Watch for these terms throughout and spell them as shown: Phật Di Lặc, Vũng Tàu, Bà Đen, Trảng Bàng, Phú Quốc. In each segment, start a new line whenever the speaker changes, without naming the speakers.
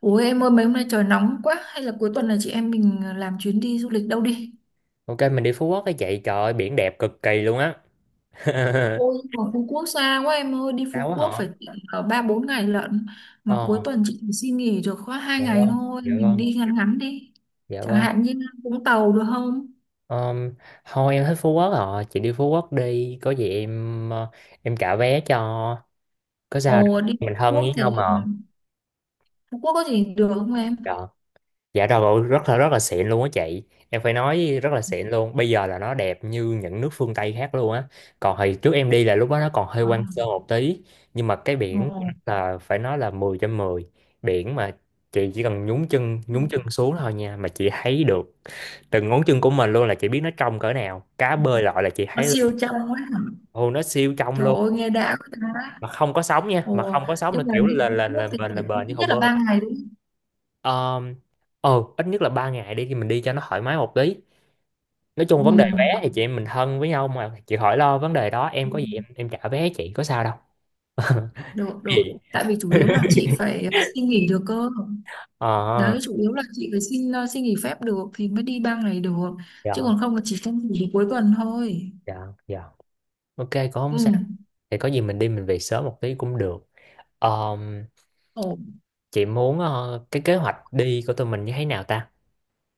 Ủa em ơi, mấy hôm nay trời nóng quá. Hay là cuối tuần này chị em mình làm chuyến đi du lịch đâu đi?
Ok, mình đi Phú Quốc cái chị. Trời ơi, biển đẹp cực kỳ luôn á.
Ôi mà Phú Quốc xa quá em ơi. Đi
Sao
Phú
quá
Quốc
họ.
phải tận ở ba bốn ngày lận. Mà cuối
Ờ.
tuần chị chỉ xin nghỉ được có hai
Dạ
ngày
vâng.
thôi.
Dạ
Mình đi
vâng.
ngắn ngắn đi.
Dạ
Chẳng
vâng.
hạn như Vũng Tàu được không?
Ờm, Thôi em thích Phú Quốc rồi. Chị đi Phú Quốc đi. Có gì em em trả vé cho. Có sao đâu,
Ồ, đi Phú
mình thân
Quốc
với
thì
nhau mà.
Phú Quốc có gì được không em?
Dạ. Dạ rồi, rất là xịn luôn á chị. Em phải nói rất là xịn luôn. Bây giờ là nó đẹp như những nước phương Tây khác luôn á. Còn hồi trước em đi là lúc đó nó còn hơi hoang sơ một tí, nhưng mà cái
Ồ,
biển là phải nói là 10/10. Biển mà chị chỉ cần nhúng chân xuống thôi nha, mà chị thấy được từng ngón chân của mình luôn, là chị biết nó trong cỡ nào. Cá bơi lội là chị
nó
thấy luôn.
siêu trong quá hả?
Hồ nó siêu trong
Trời
luôn,
ơi nghe đã quá ta.
mà không có sóng nha, mà
Ồ,
không có sóng là
nhưng mà
kiểu
đi
là
Phú
là là
Quốc thì
bền là
phải
bền như
ít
hồ
nhất là
bơi.
3 ngày đúng
Ờ, ờ ít nhất là 3 ngày đi thì mình đi cho nó thoải mái một tí, nói chung vấn đề vé thì
không?
chị em mình thân với nhau mà, chị khỏi lo vấn đề đó, em
Ừ.
có gì em trả vé, chị có sao đâu.
Được,
Gì?
được, tại vì chủ yếu là chị phải xin nghỉ được cơ.
Ờ.
Đấy, chủ yếu là chị phải xin nghỉ phép được thì mới đi 3 ngày được.
Dạ
Chứ còn không là chỉ xin nghỉ được cuối tuần thôi.
dạ dạ. Ok, cũng không sao.
Ừ.
Thì có gì mình đi mình về sớm một tí cũng được. Ờm,
Ồ,
chị muốn cái kế hoạch đi của tụi mình như thế nào ta?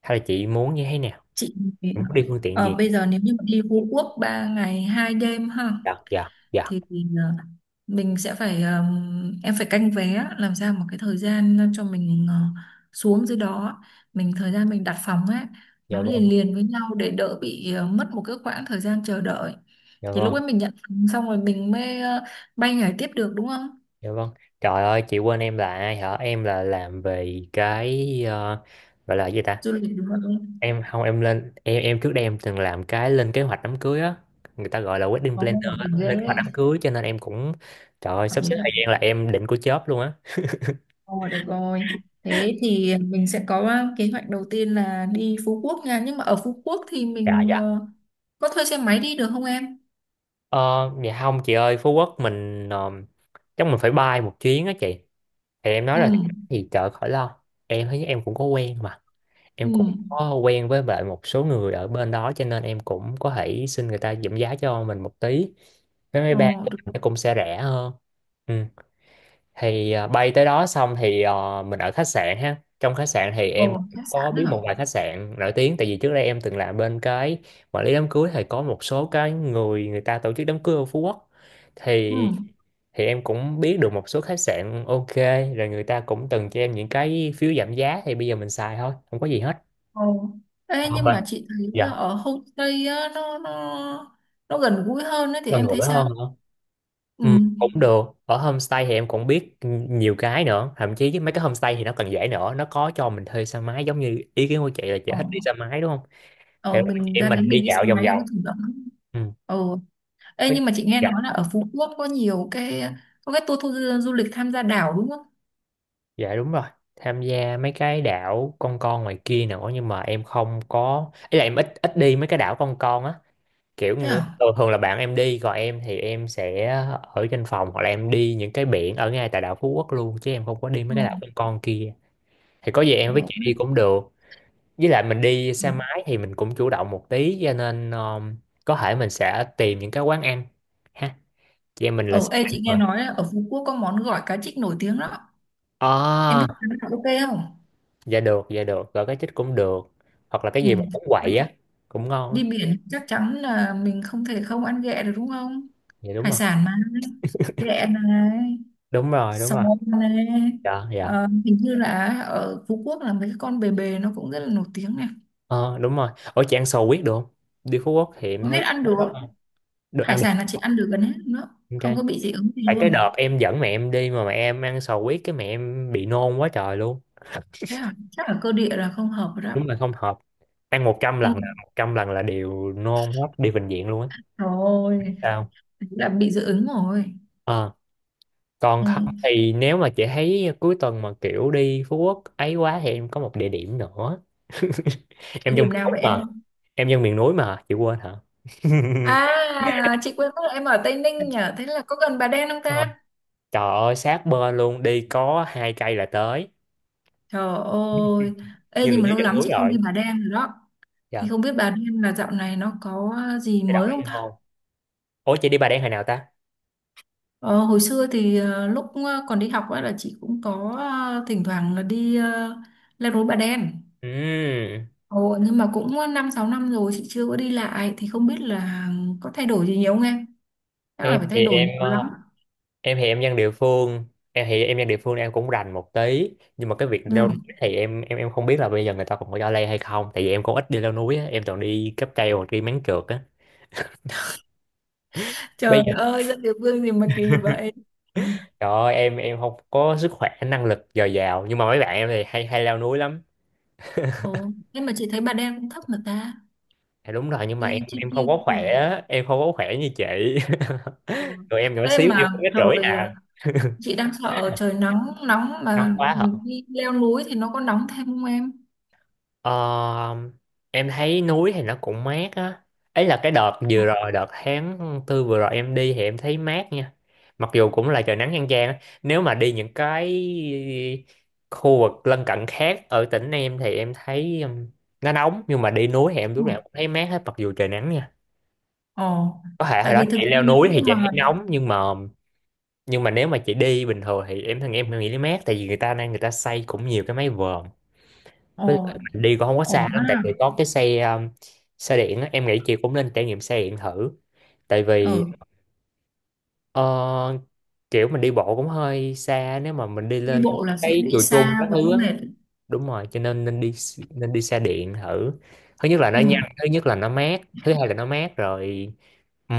Hay là chị muốn như thế nào?
chị
Chị muốn đi phương tiện gì?
bây giờ nếu như mà đi Phú Quốc 3 ngày 2 đêm ha?
Dạ dạ dạ.
Thì mình sẽ phải, em phải canh vé làm sao một cái thời gian cho mình xuống dưới đó. Mình thời gian mình đặt phòng ấy
Dạ
nó
vâng.
liền liền với nhau để đỡ bị mất một cái khoảng thời gian chờ đợi.
Dạ
Thì lúc
vâng.
ấy mình nhận phòng xong rồi mình mới bay nhảy tiếp được đúng không?
Dạ vâng. Trời ơi chị quên em là, hả, em là làm về gọi là gì ta?
Du lịch đúng không?
Em không, em lên em trước đây em từng làm cái lên kế hoạch đám cưới á, người ta gọi là wedding
Có
planner
ổn
á,
định ghê
lên kế hoạch
đấy.
đám cưới, cho nên em cũng, trời ơi,
Hợp
sắp xếp
lý, hợp
thời gian
lý.
là em định của chớp luôn á.
Ồ, được rồi. Thế thì mình sẽ có kế hoạch đầu tiên là đi Phú Quốc nha, nhưng mà ở Phú Quốc thì
Dạ
mình
dạ.
có thuê xe máy đi được không em?
Ờ. Dạ không chị ơi, Phú Quốc mình chắc mình phải bay một chuyến á chị, thì em nói
Ừ.
là gì, trời khỏi lo, em thấy em cũng có quen mà, em
Ừ.
cũng có quen với lại một số người ở bên đó cho nên em cũng có thể xin người ta giảm giá cho mình một tí, vé máy bay
Ờ,
của
được.
mình nó cũng sẽ rẻ hơn. Ừ. Thì bay tới đó xong thì mình ở khách sạn ha. Trong khách sạn thì em
Bầu khách
có
sạn
biết
đó hả?
một vài khách sạn nổi tiếng, tại vì trước đây em từng làm bên cái quản lý đám cưới, thì có một số cái người người ta tổ chức đám cưới ở Phú Quốc
Ừ.
thì thì em cũng biết được một số khách sạn ok, rồi người ta cũng từng cho em những cái phiếu giảm giá, thì bây giờ mình xài thôi, không có gì hết.
Ờ. Ê,
Không
nhưng
ạ.
mà chị thấy
Dạ.
ở homestay á, nó gần gũi hơn ấy, thì
Gần
em thấy
gũi
sao?
hơn.
Ừ.
Ừ, cũng được, ở homestay thì em cũng biết nhiều cái nữa, thậm chí với mấy cái homestay thì nó còn dễ nữa, nó có cho mình thuê xe máy giống như ý kiến của chị là chị
Ờ.
thích đi xe máy đúng không. Thì
Ờ,
chị
mình
em
ra
mình
đấy
đi
mình đi xe
dạo vòng
máy cho nó
vòng.
chủ động.
Ừ.
Ờ. Ê,
có-
nhưng mà chị nghe
dạ.
nói là ở Phú Quốc có nhiều cái có cái tour du du lịch tham gia đảo đúng không?
Dạ đúng rồi, tham gia mấy cái đảo con ngoài kia nữa, nhưng mà em không có ý là em ít ít đi mấy cái đảo con á, kiểu
Thế à?
thường thường là bạn em đi, còn em thì em sẽ ở trên phòng hoặc là em đi những cái biển ở ngay tại đảo Phú Quốc luôn, chứ em không có đi mấy
Ừ.
cái đảo con kia. Thì có gì em với
Được.
chị đi cũng được. Với lại mình đi
Ừ.
xe máy thì mình cũng chủ động một tí cho nên có thể mình sẽ tìm những cái quán ăn ha, chị em mình là
Ờ,
sẽ
ê,
ăn
chị nghe
mà.
nói là ở Phú Quốc có món gỏi cá trích nổi tiếng đó. Em biết
À.
cái đó ok không?
Dạ được, dạ được, gọi cái chích cũng được, hoặc là cái
Ừ.
gì mà bánh quậy á cũng ngon á.
Đi biển chắc chắn là mình không thể không ăn ghẹ được đúng không?
Dạ đúng
Hải
rồi
sản mà, ghẹ này,
đúng rồi đúng
sò
rồi.
này.
Dạ dạ.
Ờ, hình như là ở Phú Quốc là mấy cái con bề bề nó cũng rất là nổi tiếng này.
Ờ đúng rồi, ở chị ăn sò huyết được không? Đi Phú Quốc thì em
Không biết,
thấy
ăn được.
được,
Hải
ăn
sản
được.
là chị ăn được gần hết nữa,
Ok.
không có bị dị ứng gì
Tại cái
luôn.
đợt em dẫn mẹ em đi mà mẹ em ăn sò huyết cái mẹ em bị nôn quá trời luôn.
Thế à, chắc là cơ địa là không hợp rồi đó.
Đúng là không hợp, ăn một trăm
Ừ.
lần là 100 lần là đều nôn hết, đi bệnh viện luôn á.
Rồi,
Sao?
là bị dị ứng rồi.
Ờ, còn
Ừ.
không thì nếu mà chị thấy cuối tuần mà kiểu đi Phú Quốc ấy quá thì em có một địa điểm nữa.
Địa
Em dân
điểm
miền
nào
núi
vậy
mà.
em?
Em dân miền núi mà chị quên hả?
À, chị quên mất là em ở Tây Ninh nhỉ. Thế là có gần Bà Đen không
Ờ,
ta?
trời ơi sát bên luôn, đi có 2 cây là tới,
Trời ơi, ê
như là
nhưng mà
dưới
lâu
chân
lắm
núi
chị không đi
rồi.
Bà Đen rồi đó. Thì
Dạ.
không biết Bà Đen là dạo này nó có gì
Thay
mới
đổi gì
không ta?
không. Ủa chị đi Bà Đen hồi nào ta?
Ờ, hồi xưa thì lúc còn đi học ấy là chị cũng có thỉnh thoảng là đi leo núi Bà Đen.
Ừm.
Ồ, nhưng mà cũng 5 6 năm rồi chị chưa có đi lại, thì không biết là có thay đổi gì nhiều không em? Chắc là
em
phải
thì
thay đổi nhiều
em
lắm.
ờ, em thì em dân địa phương Em thì em dân địa phương, em cũng rành một tí, nhưng mà cái việc leo
Ừ.
núi thì em không biết là bây giờ người ta còn có cho leo hay không, tại vì em cũng ít đi leo núi á, em toàn đi cáp treo hoặc đi máng trượt á.
Trời
Bây giờ
ơi, dân địa phương gì mà kỳ vậy. Ừ.
trời ơi, em không có sức khỏe năng lực dồi dào, nhưng mà mấy bạn em thì hay hay leo núi lắm.
Ồ, nhưng mà chị thấy Bà Đen cũng thấp mà ta.
Dạ đúng rồi, nhưng mà
Leo
em
trên
em
kia
không có
cũng
khỏe
được.
á, em không có khỏe như chị.
Ừ.
Rồi em nhỏ
Ê
xíu, em cũng
mà
mét rưỡi
rồi
à.
chị đang sợ trời nóng nóng,
Ngon
mà
quá hả.
đi leo núi thì nó có nóng thêm không em?
Ờ, em thấy núi thì nó cũng mát á. Ấy là cái đợt vừa rồi, đợt tháng 4 vừa rồi em đi thì em thấy mát nha. Mặc dù cũng là trời nắng chang chang á. Nếu mà đi những cái khu vực lân cận khác ở tỉnh em thì em thấy nó nóng. Nhưng mà đi núi thì em
Ừ.
lúc nào cũng thấy mát hết mặc dù trời nắng nha.
Ồ,
Có thể hồi
tại
đó
vì thực
chị
ra
leo
nếu
núi
như
thì chị
mà…
thấy nóng nhưng mà, nhưng mà nếu mà chị đi bình thường thì em thằng em nghĩ nó mát, tại vì người ta xây cũng nhiều cái mái vòm, với
Ồ,
lại mình đi cũng không có
ổn
xa lắm
ha.
tại vì có cái xe xe điện á, em nghĩ chị cũng nên trải nghiệm xe điện thử, tại vì
Ừ.
ờ, kiểu mình đi bộ cũng hơi xa nếu mà mình đi
Đi
lên
bộ là sẽ
cái
bị
chùa Trung
xa
các
với
thứ á.
mệt.
Đúng rồi, cho nên nên đi xe điện thử, thứ nhất là nó nhanh,
Ừ.
thứ hai là nó mát rồi. Ừ.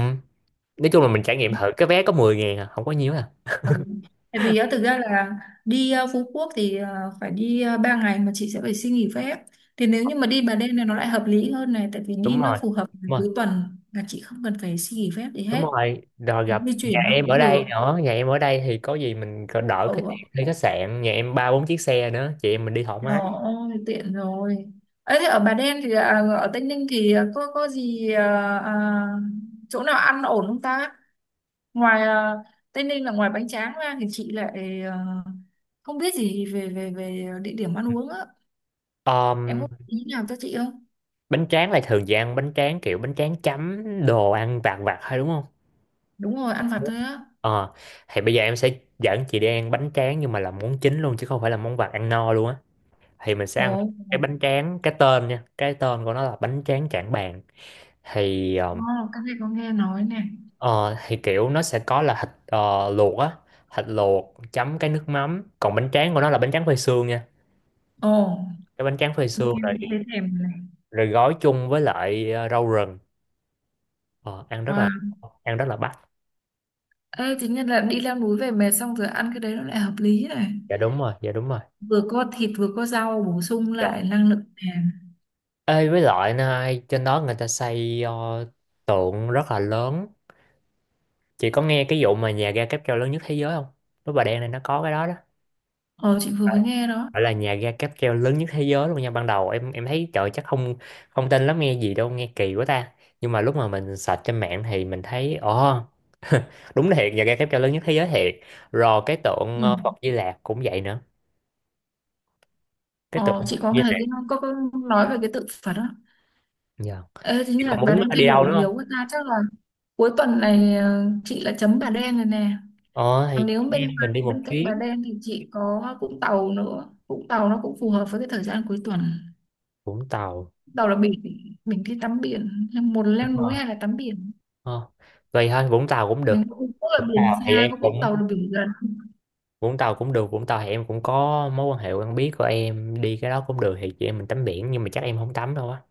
Nói chung là mình trải nghiệm thử, cái vé có 10.000 à, không có nhiều à.
Ừ. Tại vì á, thực ra là đi Phú Quốc thì phải đi 3 ngày mà chị sẽ phải xin nghỉ phép. Thì nếu như mà đi Bà Đen này nó lại hợp lý hơn này, tại vì đi
Đúng
nó
rồi.
phù hợp với
đúng rồi
cuối tuần là chị không cần phải xin nghỉ phép gì
đúng
hết.
rồi rồi, gặp
Di
nhà
chuyển nó
em ở
cũng
đây
được.
nữa, nhà em ở đây thì có gì mình còn đỡ cái
Ừ.
tiền thuê khách sạn, nhà em ba bốn chiếc xe nữa chị em mình đi thoải
Trời
mái.
ơi, tiện rồi. Ấy thế ở Bà Đen thì à, ở Tây Ninh thì à, có gì à, à, chỗ nào ăn ổn không ta? Ngoài à, Tây Ninh là ngoài bánh tráng ra thì chị lại à, không biết gì về về về địa điểm ăn uống á. Em
Ờm,
có ý nào cho chị không?
Bánh tráng là thường chị ăn bánh tráng kiểu bánh tráng chấm đồ ăn vặt vặt hay đúng không.
Đúng rồi, ăn vặt thôi á.
Ờ, thì bây giờ em sẽ dẫn chị đi ăn bánh tráng nhưng mà là món chính luôn chứ không phải là món vặt, ăn no luôn á. Thì mình sẽ
Ồ,
ăn cái bánh tráng, cái tên nha, cái tên của nó là bánh tráng Trảng Bàng, thì
ồ, các em có nghe nói này.
ờ, thì kiểu nó sẽ có là thịt luộc á, thịt luộc chấm cái nước mắm, còn bánh tráng của nó là bánh tráng phơi sương nha,
Ồ,
cái bánh tráng phơi sương
nghe
này,
thấy thèm này.
rồi gói chung với lại rau rừng, ờ,
Wow.
ăn rất là bắt.
Ê, chính là đi leo núi về mệt xong rồi ăn cái đấy nó lại hợp lý này.
Dạ đúng rồi, dạ đúng rồi.
Vừa có thịt vừa có rau bổ sung
Dạ.
lại năng lượng nàng.
Ê, với lại này, trên đó người ta xây tượng rất là lớn. Chị có nghe cái vụ mà nhà ga cáp treo lớn nhất thế giới không? Với Bà Đen này nó có cái đó đó.
Ờ, chị vừa mới nghe đó.
Phải là nhà ga cáp treo lớn nhất thế giới luôn nha. Ban đầu em thấy trời chắc không, không tin lắm, nghe gì đâu, nghe kỳ quá ta. Nhưng mà lúc mà mình search trên mạng thì mình thấy ồ, đúng thiệt, nhà ga cáp treo lớn nhất thế giới thiệt. Rồi cái tượng
Ừ.
Phật Di Lặc cũng vậy nữa. Cái tượng
Ờ, chị
Phật
có
Di
nghe
Lặc.
cái có nói về cái tự phật đó.
Dạ.
Ê,
Chị
chính là
còn
Bà
muốn
Đen thay
đi đâu
đổi
nữa không?
nhiều quá ta, chắc là… Cuối tuần này chị là chấm Bà Đen rồi nè.
Ờ thì
Còn nếu
chị em
bên
mình đi một
bên cạnh Bà
chuyến.
Đen thì chị có Vũng Tàu nữa. Vũng Tàu nó cũng phù hợp với cái thời gian cuối tuần.
Vũng Tàu.
Vũng Tàu là biển, mình đi tắm biển. Một là leo
Đúng
núi
rồi.
hay là tắm biển.
Ờ. Vậy thôi Vũng Tàu cũng
Mình
được.
cũng có là
Vũng
biển
Tàu thì
xa,
em
có Vũng
cũng
Tàu là biển gần.
Vũng Tàu cũng được. Vũng Tàu thì em cũng có mối quan hệ quen biết của em, đi cái đó cũng được, thì chị em mình tắm biển, nhưng mà chắc em không tắm đâu á.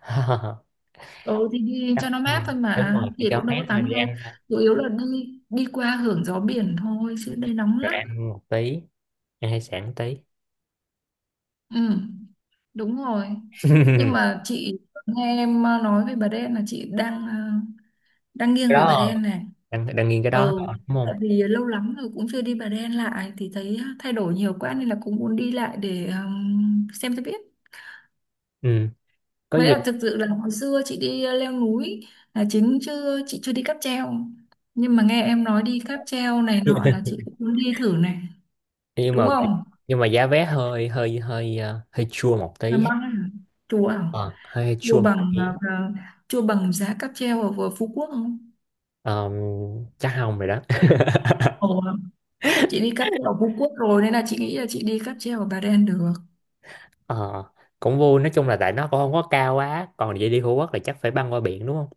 Ừ thì đi cho nó
Ừ,
mát thôi
đúng
mà,
rồi, thì
thì
cho
cũng đâu có
mát thôi, đi
tắm đâu.
ăn thôi,
Chủ yếu là đi đi qua hưởng gió biển thôi, chứ đây nóng
rồi
lắm.
ăn một tí, ăn hải sản một tí.
Ừ, đúng rồi. Nhưng mà chị nghe em nói về Bà Đen là chị đang
Cái
nghiêng về Bà
đó
Đen này.
đang nghiêng cái đó
Ừ.
thôi, đúng
Tại
không?
vì lâu lắm rồi cũng chưa đi Bà Đen lại thì thấy thay đổi nhiều quá nên là cũng muốn đi lại để xem cho biết.
Ừ, có
Mới
gì.
là thực sự là hồi xưa chị đi leo núi là chính, chứ chị chưa đi cáp treo. Nhưng mà nghe em nói đi cáp treo này nọ là chị cũng muốn đi thử này,
nhưng
đúng
mà
không?
nhưng mà giá vé hơi hơi hơi ờ, hơi chua một
Là
tí.
băng à? Chùa à?
Ờ, hơi
Chùa
chua một
bằng
tí.
à, à, chùa bằng giá cáp treo ở vừa Phú Quốc không?
Ờm, Chắc không rồi đó.
Ồ, chị đi cáp treo ở Phú Quốc rồi nên là chị nghĩ là chị đi cáp treo ở Bà Đen được.
Ờ, cũng vui, nói chung là tại nó cũng không có cao quá, còn vậy đi Phú Quốc là chắc phải băng qua biển, đúng không?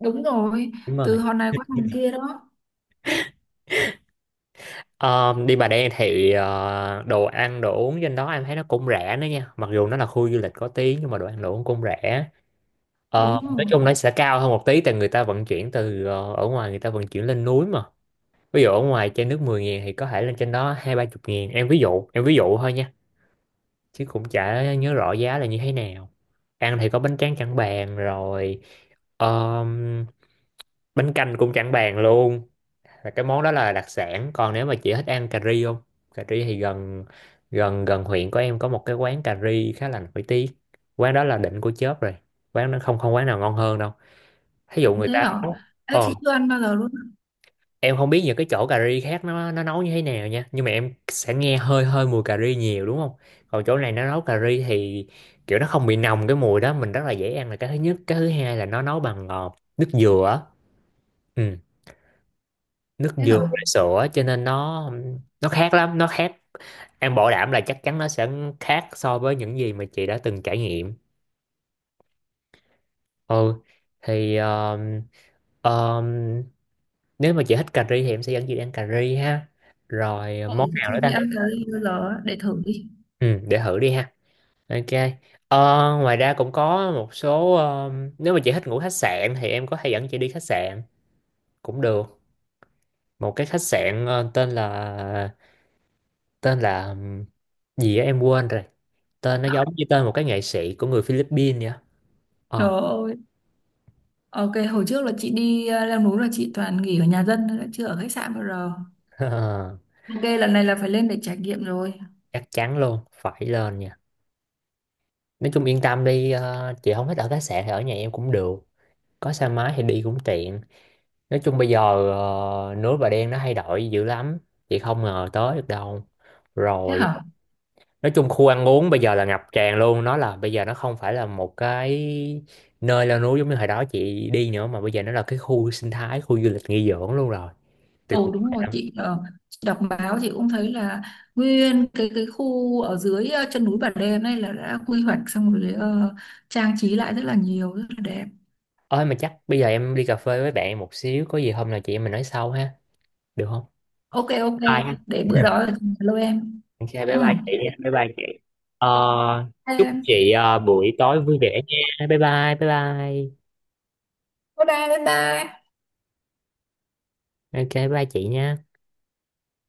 Đúng rồi,
Đúng rồi.
từ hòn này qua hòn kia đó.
Ờ, đi Bà Đen thì đồ ăn đồ uống trên đó em thấy nó cũng rẻ nữa nha, mặc dù nó là khu du lịch có tí nhưng mà đồ ăn đồ uống cũng rẻ. Ờ,
Đúng
nói
rồi.
chung nó sẽ cao hơn một tí, tại người ta vận chuyển từ ở ngoài, người ta vận chuyển lên núi mà. Ví dụ ở ngoài trên nước 10 ngàn thì có thể lên trên đó hai ba chục ngàn. Em ví dụ, em ví dụ thôi nha, chứ cũng chả nhớ rõ giá là như thế nào. Ăn thì có bánh tráng chẳng bàn rồi. Ờ, bánh canh cũng chẳng bàn luôn, là cái món đó là đặc sản. Còn nếu mà chị thích ăn cà ri không? Cà ri thì gần gần gần huyện của em có một cái quán cà ri khá là nổi tiếng. Quán đó là đỉnh của chớp rồi, quán nó không không quán nào ngon hơn đâu. Thí dụ người
Thế
ta
hả?
nấu
Thế
ờ,
chị chưa ăn bao giờ luôn.
em không biết những cái chỗ cà ri khác nó nấu như thế nào nha, nhưng mà em sẽ nghe hơi hơi mùi cà ri nhiều, đúng không? Còn chỗ này nó nấu cà ri thì kiểu nó không bị nồng cái mùi đó, mình rất là dễ ăn là cái thứ nhất, cái thứ hai là nó nấu bằng nước dừa á. Ừ, nước
Thế
dừa
hả?
với sữa cho nên nó khác lắm, nó khác. Em bảo đảm là chắc chắn nó sẽ khác so với những gì mà chị đã từng trải nghiệm. Ừ, thì um, nếu mà chị thích cà ri thì em sẽ dẫn chị đi ăn cà ri ha. Rồi ờ,
Ừ.
món
Chị
nào
chưa
nữa
đi
ta?
ăn cái bao giờ á, để thử đi.
Ừ, để thử đi ha. Ok. Ờ, ngoài ra cũng có một số nếu mà chị thích ngủ khách sạn thì em có thể dẫn chị đi khách sạn cũng được. Một cái khách sạn ờ, tên là gì á em quên rồi. Tên nó giống như tên một cái nghệ sĩ của người Philippines vậy á.
Trời ơi, ok, hồi trước là chị đi leo núi là chị toàn nghỉ ở nhà dân thôi, đã chưa ở khách sạn bao giờ.
Ờ.
Ok, lần này là phải lên để trải nghiệm rồi.
Chắc chắn luôn, phải lên nha. Nói chung yên tâm đi, ờ, chị không thích ở khách sạn thì ở nhà em cũng được, có xe máy thì đi cũng tiện. Nói chung bây giờ ờ, núi Bà Đen nó thay đổi dữ lắm, chị không ngờ tới được đâu.
Thế
Rồi,
hả?
nói chung khu ăn uống bây giờ là ngập tràn luôn, nó là bây giờ nó không phải là một cái nơi leo núi giống như hồi đó chị đi nữa, mà bây giờ nó là cái khu sinh thái, khu du lịch nghỉ dưỡng luôn rồi, tuyệt
Ồ đúng
vời
rồi,
lắm.
chị đọc báo chị cũng thấy là nguyên cái khu ở dưới chân núi Bà Đen này là đã quy hoạch xong rồi, trang trí lại rất là nhiều, rất là đẹp.
Ơi mà chắc bây giờ em đi cà phê với bạn một xíu, có gì hôm nào chị em mình nói sau ha, được không?
Ok, ok,
Bye.
để bữa đó là lôi em.
Ok,
Ừ.
bye bye chị nha, bye bye chị. Ờ, chúc
Em,
chị ờ, buổi tối vui vẻ nha. Bye bye, bye bye.
bye bye, bye bye.
Ok, bye bye chị nha.